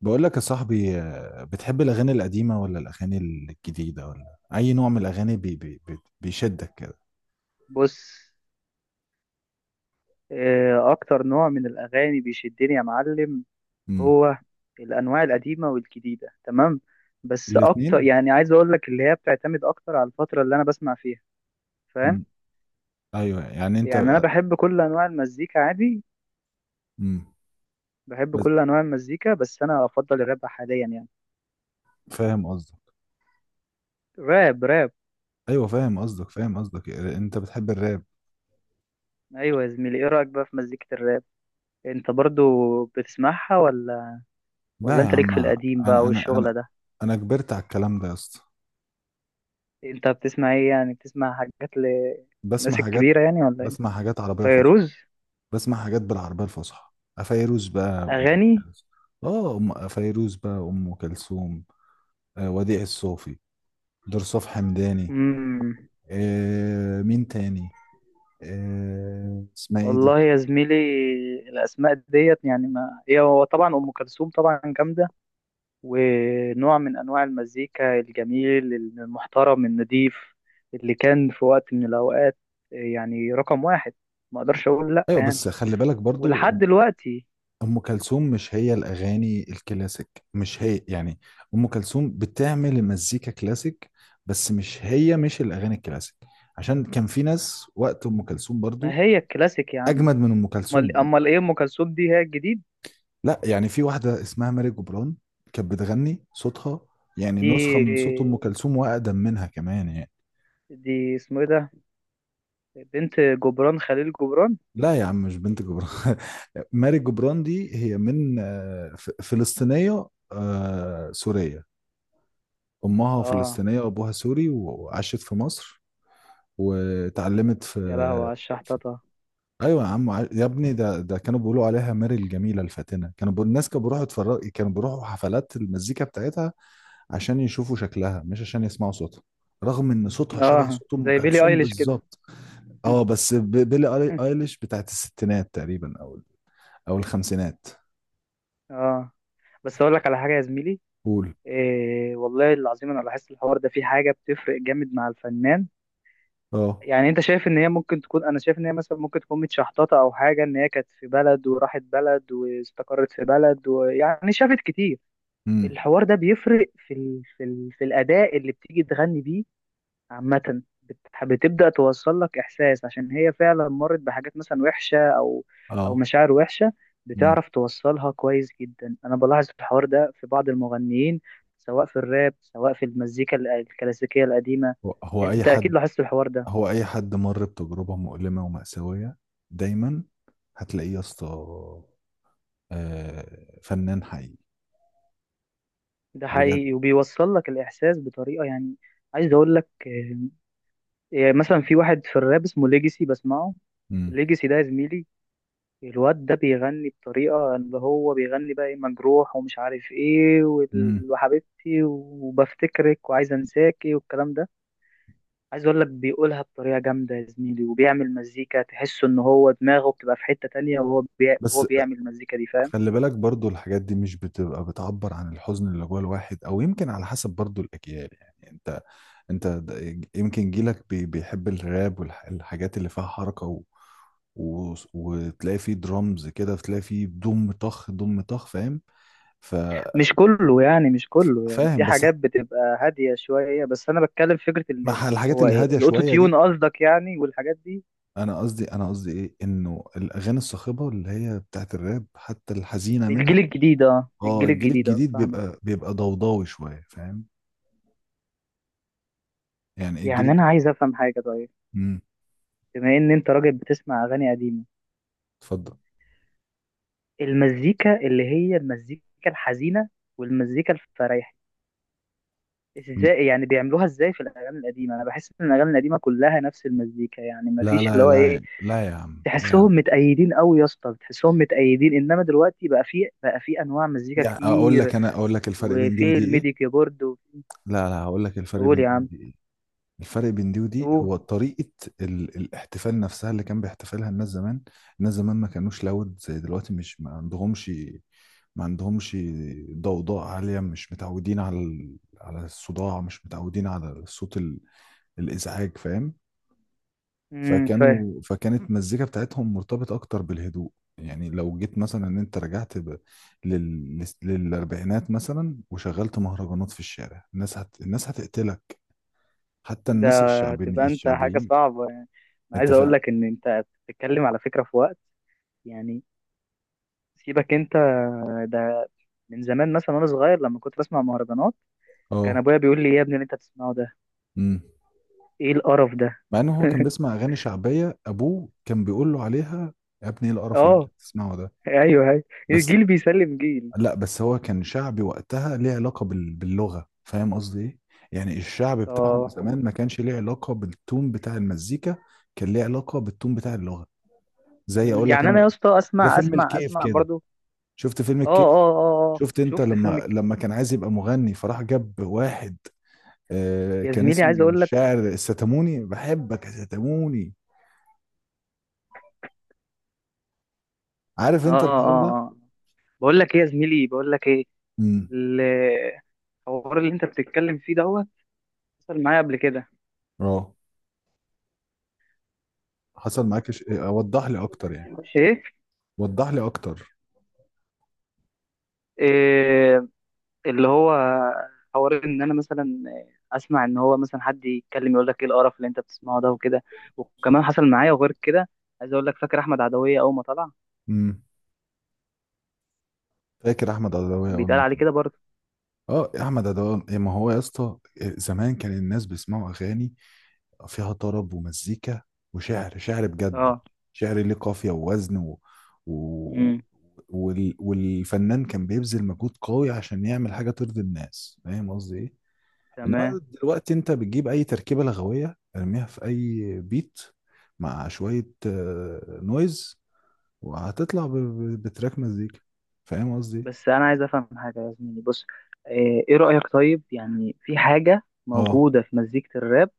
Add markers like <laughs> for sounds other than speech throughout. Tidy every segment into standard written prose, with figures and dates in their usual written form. بقول لك يا صاحبي، بتحب الأغاني القديمة ولا الأغاني الجديدة ولا أي نوع من الأغاني بي بي بي بيشدك كده؟ بص. اكتر نوع من الاغاني بيشدني يا معلم، امم هو الانواع القديمه والجديده. تمام. بس اكتر، الاتنين. يعني عايز اقول لك، اللي هي بتعتمد اكتر على الفتره اللي انا بسمع فيها. فاهم؟ امم أيوه، يعني يعني انا أنت. بحب كل انواع المزيكا عادي. امم بحب بس كل انواع المزيكا بس انا افضل الراب حاليا يعني. فاهم قصدك. راب راب. أيوه فاهم قصدك، فاهم قصدك، أنت بتحب الراب. ايوه يا زميلي، ايه رايك بقى في مزيكه الراب؟ انت برضو بتسمعها ولا؟ ولا لا يا انت ليك عم. في القديم بقى أنا أنا والشغله أنا ده؟ أنا كبرت على الكلام ده يا اسطى. انت بتسمع ايه؟ يعني بتسمع حاجات بسمع للناس حاجات. الكبيره يعني ولا إيه؟ بسمع حاجات عربية فصحى. فيروز؟ بسمع حاجات بالعربية الفصحى. فيروز بقى، أم اغاني. كلثوم. اه، أم فيروز بقى، أم كلثوم. وديع الصوفي. درصوف حمداني. مم. مين تاني؟ اسمها ايه دي؟ والله يا زميلي الاسماء ديت، يعني ما هي، هو طبعا ام كلثوم طبعا جامده، ونوع من انواع المزيكا الجميل المحترم النضيف اللي كان في وقت من الاوقات يعني رقم واحد. ما اقدرش اقول لا ايوه يعني، بس خلي بالك ولحد برضو. دلوقتي. ام كلثوم مش هي الاغاني الكلاسيك، مش هي يعني. ام كلثوم بتعمل مزيكا كلاسيك، بس مش هي، مش الاغاني الكلاسيك. عشان كان في ناس وقت ام كلثوم ما برضو هي الكلاسيك يا عم. اجمد من ام كلثوم. امال امال ايه، ام كلثوم دي هي الجديد؟ لا، يعني في واحده اسمها ماري جبران، كانت بتغني، صوتها يعني دي نسخه من صوت ام كلثوم واقدم منها كمان يعني. دي اسمه ايه ده؟ بنت جبران خليل جبران. لا يا عم مش بنت جبران <laughs> ماري جبران دي هي من فلسطينية. سورية. أمها اه. فلسطينية وأبوها سوري وعاشت في مصر، وتعلمت في... يا لهوي على الشحططة. أيوة يا عم، يا ابني، ده كانوا بيقولوا عليها ماري الجميلة الفاتنة، الناس كانوا بيروحوا يتفرج، كانوا بيروحوا حفلات المزيكا بتاعتها عشان يشوفوا شكلها، مش عشان يسمعوا صوتها، رغم ان صوتها شبه اه، صوت ام زي بيلي كلثوم ايليش كده. بالظبط. اه بس بيلي <laughs> ايليش بتاعت الستينات تقريبا، او الخمسينات. اه. بس اقول لك على حاجه يا زميلي، قول. إيه والله العظيم انا لاحظت الحوار ده، في حاجه بتفرق جامد مع الفنان. اه. يعني انت شايف ان هي ممكن تكون، انا شايف ان هي مثلا ممكن تكون متشحططه او حاجه، ان هي كانت في بلد وراحت بلد واستقرت في بلد ويعني شافت كتير. امم الحوار ده بيفرق في الاداء اللي بتيجي تغني بيه. عامة بتبدأ توصل لك إحساس عشان هي فعلا مرت بحاجات مثلا وحشة، أو أو اه. مشاعر وحشة. امم بتعرف توصلها كويس جدا. أنا بلاحظ الحوار ده في بعض المغنيين، سواء في الراب سواء في المزيكا الكلاسيكية القديمة. هو هو اي أنت أكيد حد لاحظت الحوار ده. هو اي حد مر بتجربة مؤلمة ومأساوية، دايما هتلاقيه يا اسطى، فنان حقيقي، ده بجد. حقيقي وبيوصل لك الإحساس بطريقة يعني. عايز أقول لك، يعني مثلا في واحد في الراب اسمه ليجيسي بسمعه. امم ليجيسي ده يا زميلي، الواد ده بيغني بطريقة، اللي هو بيغني بقى ايه، مجروح ومش عارف ايه، امم وحبيبتي وبفتكرك وعايز انساكي والكلام ده. عايز اقول لك بيقولها بطريقة جامدة يا زميلي، وبيعمل مزيكا تحس ان هو دماغه بتبقى في حتة تانية، وهو بس بيعمل المزيكا دي. فاهم؟ خلي بالك برضو، الحاجات دي مش بتبقى بتعبر عن الحزن اللي جوه الواحد، او يمكن على حسب برضو الاجيال، يعني انت، يمكن جيلك بيحب الراب والحاجات اللي فيها حركة و... و... وتلاقي فيه درامز كده، تلاقي فيه دم طخ دم طخ، فاهم؟ مش ففاهم كله يعني مش كله يعني، في بس حاجات بتبقى هادية شوية، بس انا بتكلم فكرة اللي مع الحاجات هو. اللي ايه، هاديه الاوتو شويه تيون دي. قصدك يعني والحاجات دي؟ انا قصدي ايه؟ انه الاغاني الصاخبه اللي هي بتاعت الراب حتى الحزينه منها. الجيل الجديد اه، اه، الجيل الجيل الجديد اه، الجديد فاهمك. بيبقى ضوضاوي شويه، فاهم؟ يعني الجيل يعني انا عايز افهم حاجة. طيب، امم بما ان انت راجل بتسمع اغاني قديمه، اتفضل. المزيكا اللي هي المزيكا الحزينه والمزيكا الفرايحي، م- ازاي يعني بيعملوها ازاي في الاغاني القديمه؟ انا بحس ان الاغاني القديمه كلها نفس المزيكا، يعني ما لا، فيش اللي لا، هو لا، ايه. لا يا عم، لا يا عم. تحسهم متأيدين قوي يا اسطى، تحسهم متأيدين. انما دلوقتي بقى في انواع مزيكا يعني، اقول كتير، لك انا اقول لك الفرق بين دي وفي ودي الميدي ايه. كيبورد لا لا، هقول لك الفرق قول بين يا دي عم. ودي ايه. الفرق بين دي ودي قول. هو طريقه الاحتفال نفسها اللي كان بيحتفلها الناس زمان. الناس زمان ما كانوش لاود زي دلوقتي، مش ما عندهمش، ما عندهمش ضوضاء عالية، مش متعودين على على الصداع، مش متعودين على الصوت الإزعاج، فاهم؟ امم. فاهم. فكانت المزيكا بتاعتهم مرتبطة أكتر بالهدوء. يعني لو جيت مثلا إن أنت رجعت للأربعينات مثلا، وشغلت مهرجانات في الشارع، الناس هتقتلك، حتى ده الناس تبقى انت حاجه الشعبيين. صعبه يعني. انا أنت عايز اقول فاهم. لك ان انت بتتكلم على فكره في وقت يعني. سيبك انت. ده من زمان مثلا وانا صغير لما كنت بسمع مهرجانات، كان أه. ابويا بيقول لي يا ابني، اللي انت بتسمعه ده أمم. ايه القرف ده. مع إن هو كان بيسمع أغاني شعبية، أبوه كان بيقول له عليها: يا ابني إيه القرف اللي أنت اه. بتسمعه ده. ايوه ايوه. بس. الجيل بيسلم جيل. لا بس هو كان شعبي وقتها، ليه علاقة باللغة، فاهم قصدي ايه؟ يعني الشعب بتاعهم اه. زمان ما كانش ليه علاقة بالتون بتاع المزيكا، كان ليه علاقة بالتون بتاع اللغة. زي مم، اقول لك يعني انا يا انا، اسطى ده اسمع فيلم اسمع الكيف اسمع كده، برضو. شفت فيلم اه الكيف؟ اه اه اه. شفت انت شفت فيلم لما كان عايز يبقى مغني، فراح جاب واحد، يا كان زميلي اسمه عايز اقول لك. الشاعر الستاموني، بحبك يا ستاموني. عارف اه انت الحوار ده؟ اه اه. بقول لك ايه يا زميلي، بقول لك ايه، امم الحوار اللي انت بتتكلم فيه دوت حصل معايا قبل كده. اه. حصل معاك اوضح لي اكتر يعني. ايه وضح لي اكتر. إيه، اللي هو حوار ان انا مثلا اسمع ان هو مثلا حد يتكلم يقول لك ايه القرف اللي انت بتسمعه ده وكده. وكمان حصل معايا وغير كده. عايز اقول لك، فاكر احمد عدويه اول ما طلع؟ فاكر احمد عدويه كان اول بيتقال ما عليه طلع؟ كده برضه. اه احمد عدويه. ما هو يا اسطى، زمان كان الناس بيسمعوا اغاني فيها طرب ومزيكا، وشعر، شعر بجد، اه. شعر ليه قافيه ووزن و... و... امم. والفنان كان بيبذل مجهود قوي عشان يعمل حاجه ترضي الناس، فاهم قصدي ايه؟ تمام. انما دلوقتي انت بتجيب اي تركيبه لغويه ارميها في اي بيت، مع شويه نويز، وهتطلع بتراك مزيكا، فاهم قصدي إيه؟ بس انا عايز افهم حاجه يا زميلي، بص. ايه إيه رايك طيب، يعني في حاجه اه. موجوده في مزيكه الراب،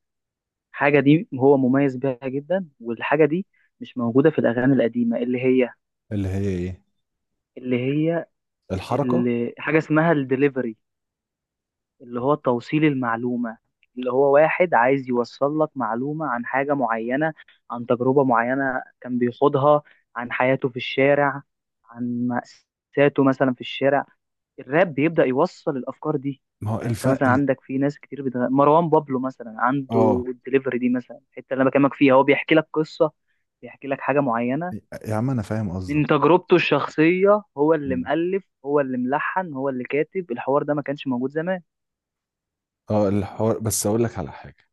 حاجه دي هو مميز بيها جدا، والحاجه دي مش موجوده في الاغاني القديمه اللي هي ايه؟ اللي هي الحركة. اللي حاجه اسمها الدليفري، اللي هو توصيل المعلومة، اللي هو واحد عايز يوصل لك معلومة عن حاجة معينة، عن تجربة معينة كان بيخوضها، عن حياته في الشارع، عن مأساته مثلا في الشارع. الراب بيبدأ يوصل الأفكار دي. ما هو يعني انت مثلا عندك في ناس كتير مروان بابلو مثلا عنده اه الدليفري دي، مثلا الحتة اللي انا بكلمك فيها هو بيحكي لك قصة، بيحكي لك حاجة معينة يا عم انا فاهم قصدك. من تجربته الشخصية، هو اللي مم. مؤلف هو اللي ملحن هو اللي كاتب. الحوار ده ما كانش موجود زمان. اه، الحوار، بس اقول لك على حاجة،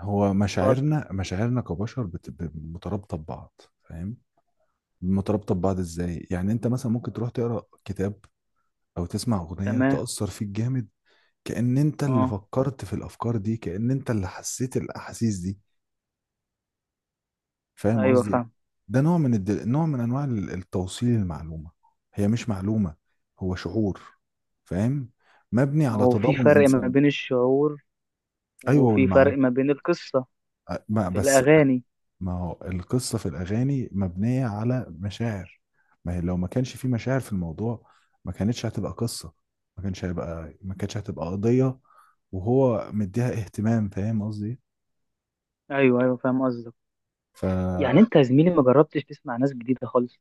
هو اتفضل. مشاعرنا كبشر مترابطة ببعض. فاهم؟ مترابطة ببعض ازاي؟ يعني انت مثلا ممكن تروح تقرا كتاب او تسمع اغنية تمام. تأثر فيك جامد، كأن انت اللي اه. فكرت في الافكار دي، كأن انت اللي حسيت الاحاسيس دي، فاهم ايوه قصدي إيه؟ فاهم. ده نوع من نوع من انواع التوصيل المعلومه، هي مش معلومه، هو شعور، فاهم؟ مبني ما على هو في تضامن فرق ما انسان. بين الشعور، ايوه، وفي فرق ما بين القصة ما في بس، الأغاني. ما هو القصه في الاغاني مبنيه على مشاعر، ما هي لو ما كانش في مشاعر في الموضوع ما كانتش هتبقى قصه، ما كانش هيبقى ما كانتش هتبقى قضيه وهو مديها اهتمام، فاهم قصدي إيه؟ ايوه ايوه فاهم قصدك. يعني فجربت. انت يا زميلي ما جربتش تسمع ناس جديدة خالص؟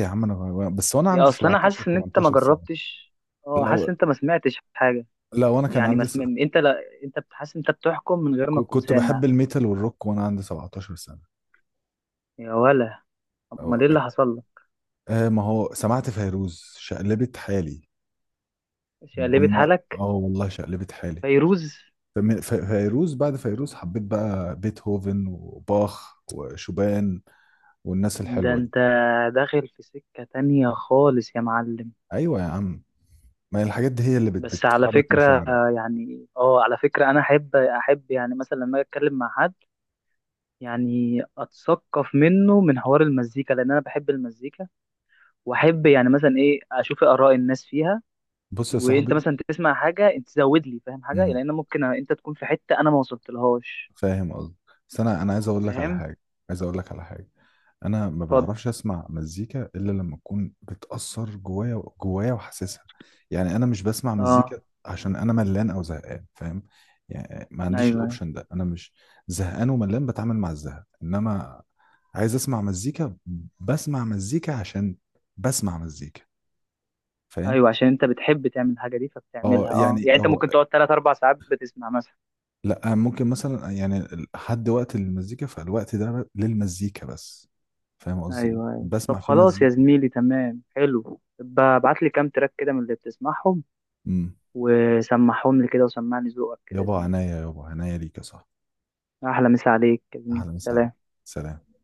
يا عم انا، بس وانا يا عندي اصل انا 17 حاسس ان انت ما 18 سنه. جربتش. اه، لو حاسس ان انت ما سمعتش حاجة. لو انا كان يعني ما عندي انت لا، انت بتحس، انت بتحكم من غير ما تكون كنت بحب سامع. الميتال والروك وانا عندي 17 سنة يا ولا. أو... امال ايه اللي حصل لك؟ ما هو سمعت فيروز شقلبت حالي. شقلبت ضم- حالك؟ اه والله شقلبت حالي. فيروز. فيروز، بعد فيروز حبيت بقى بيتهوفن وباخ وشوبان والناس ده الحلوة دي. انت داخل في سكة تانية خالص يا معلم. ايوه يا عم، ما هي الحاجات دي هي اللي بس على بتحرك فكرة مشاعري. يعني اه، على فكرة أنا أحب يعني مثلا لما أجي أتكلم مع حد، يعني أتثقف منه من حوار المزيكا لأن أنا بحب المزيكا، وأحب يعني مثلا إيه أشوف آراء الناس فيها. بص يا وأنت صاحبي. مثلا تسمع حاجة أنت تزود لي، فاهم حاجة، امم لأن ممكن أنت تكون في حتة أنا ما وصلتلهاش. فاهم قصدي. بس انا عايز اقول لك على فاهم. حاجة، عايز اقول لك على حاجة. انا ما اتفضل. بعرفش اسمع مزيكا الا لما تكون بتأثر جوايا، جوايا وحاسسها. يعني انا مش بسمع مزيكا أه. عشان انا ملان او زهقان، فاهم؟ يعني ما عنديش أيوه الاوبشن ده، انا مش زهقان وملان بتعامل مع الزهق، انما عايز اسمع مزيكا. بسمع مزيكا عشان بسمع مزيكا. فاهم؟ أيوه عشان أنت بتحب تعمل الحاجة دي اه فبتعملها، أه يعني يعني أنت اه، ممكن تقعد تلات أربع ساعات بتسمع مثلا. لا ممكن مثلا يعني، حد وقت المزيكا، فالوقت ده للمزيكا بس، فاهم قصدي إيه؟ ايوه ايوه. بسمع طب فيه خلاص يا مزيكا. زميلي تمام حلو، ابعت لي كام تراك كده من اللي بتسمعهم، إمم. وسمعهم لي كده وسمعني ذوقك كده يا يابا زميلي. عناية، يابا عناية ليك يا صاحبي. احلى مسا عليك يا زميلي، أهلا وسهلا. سلام. سلام.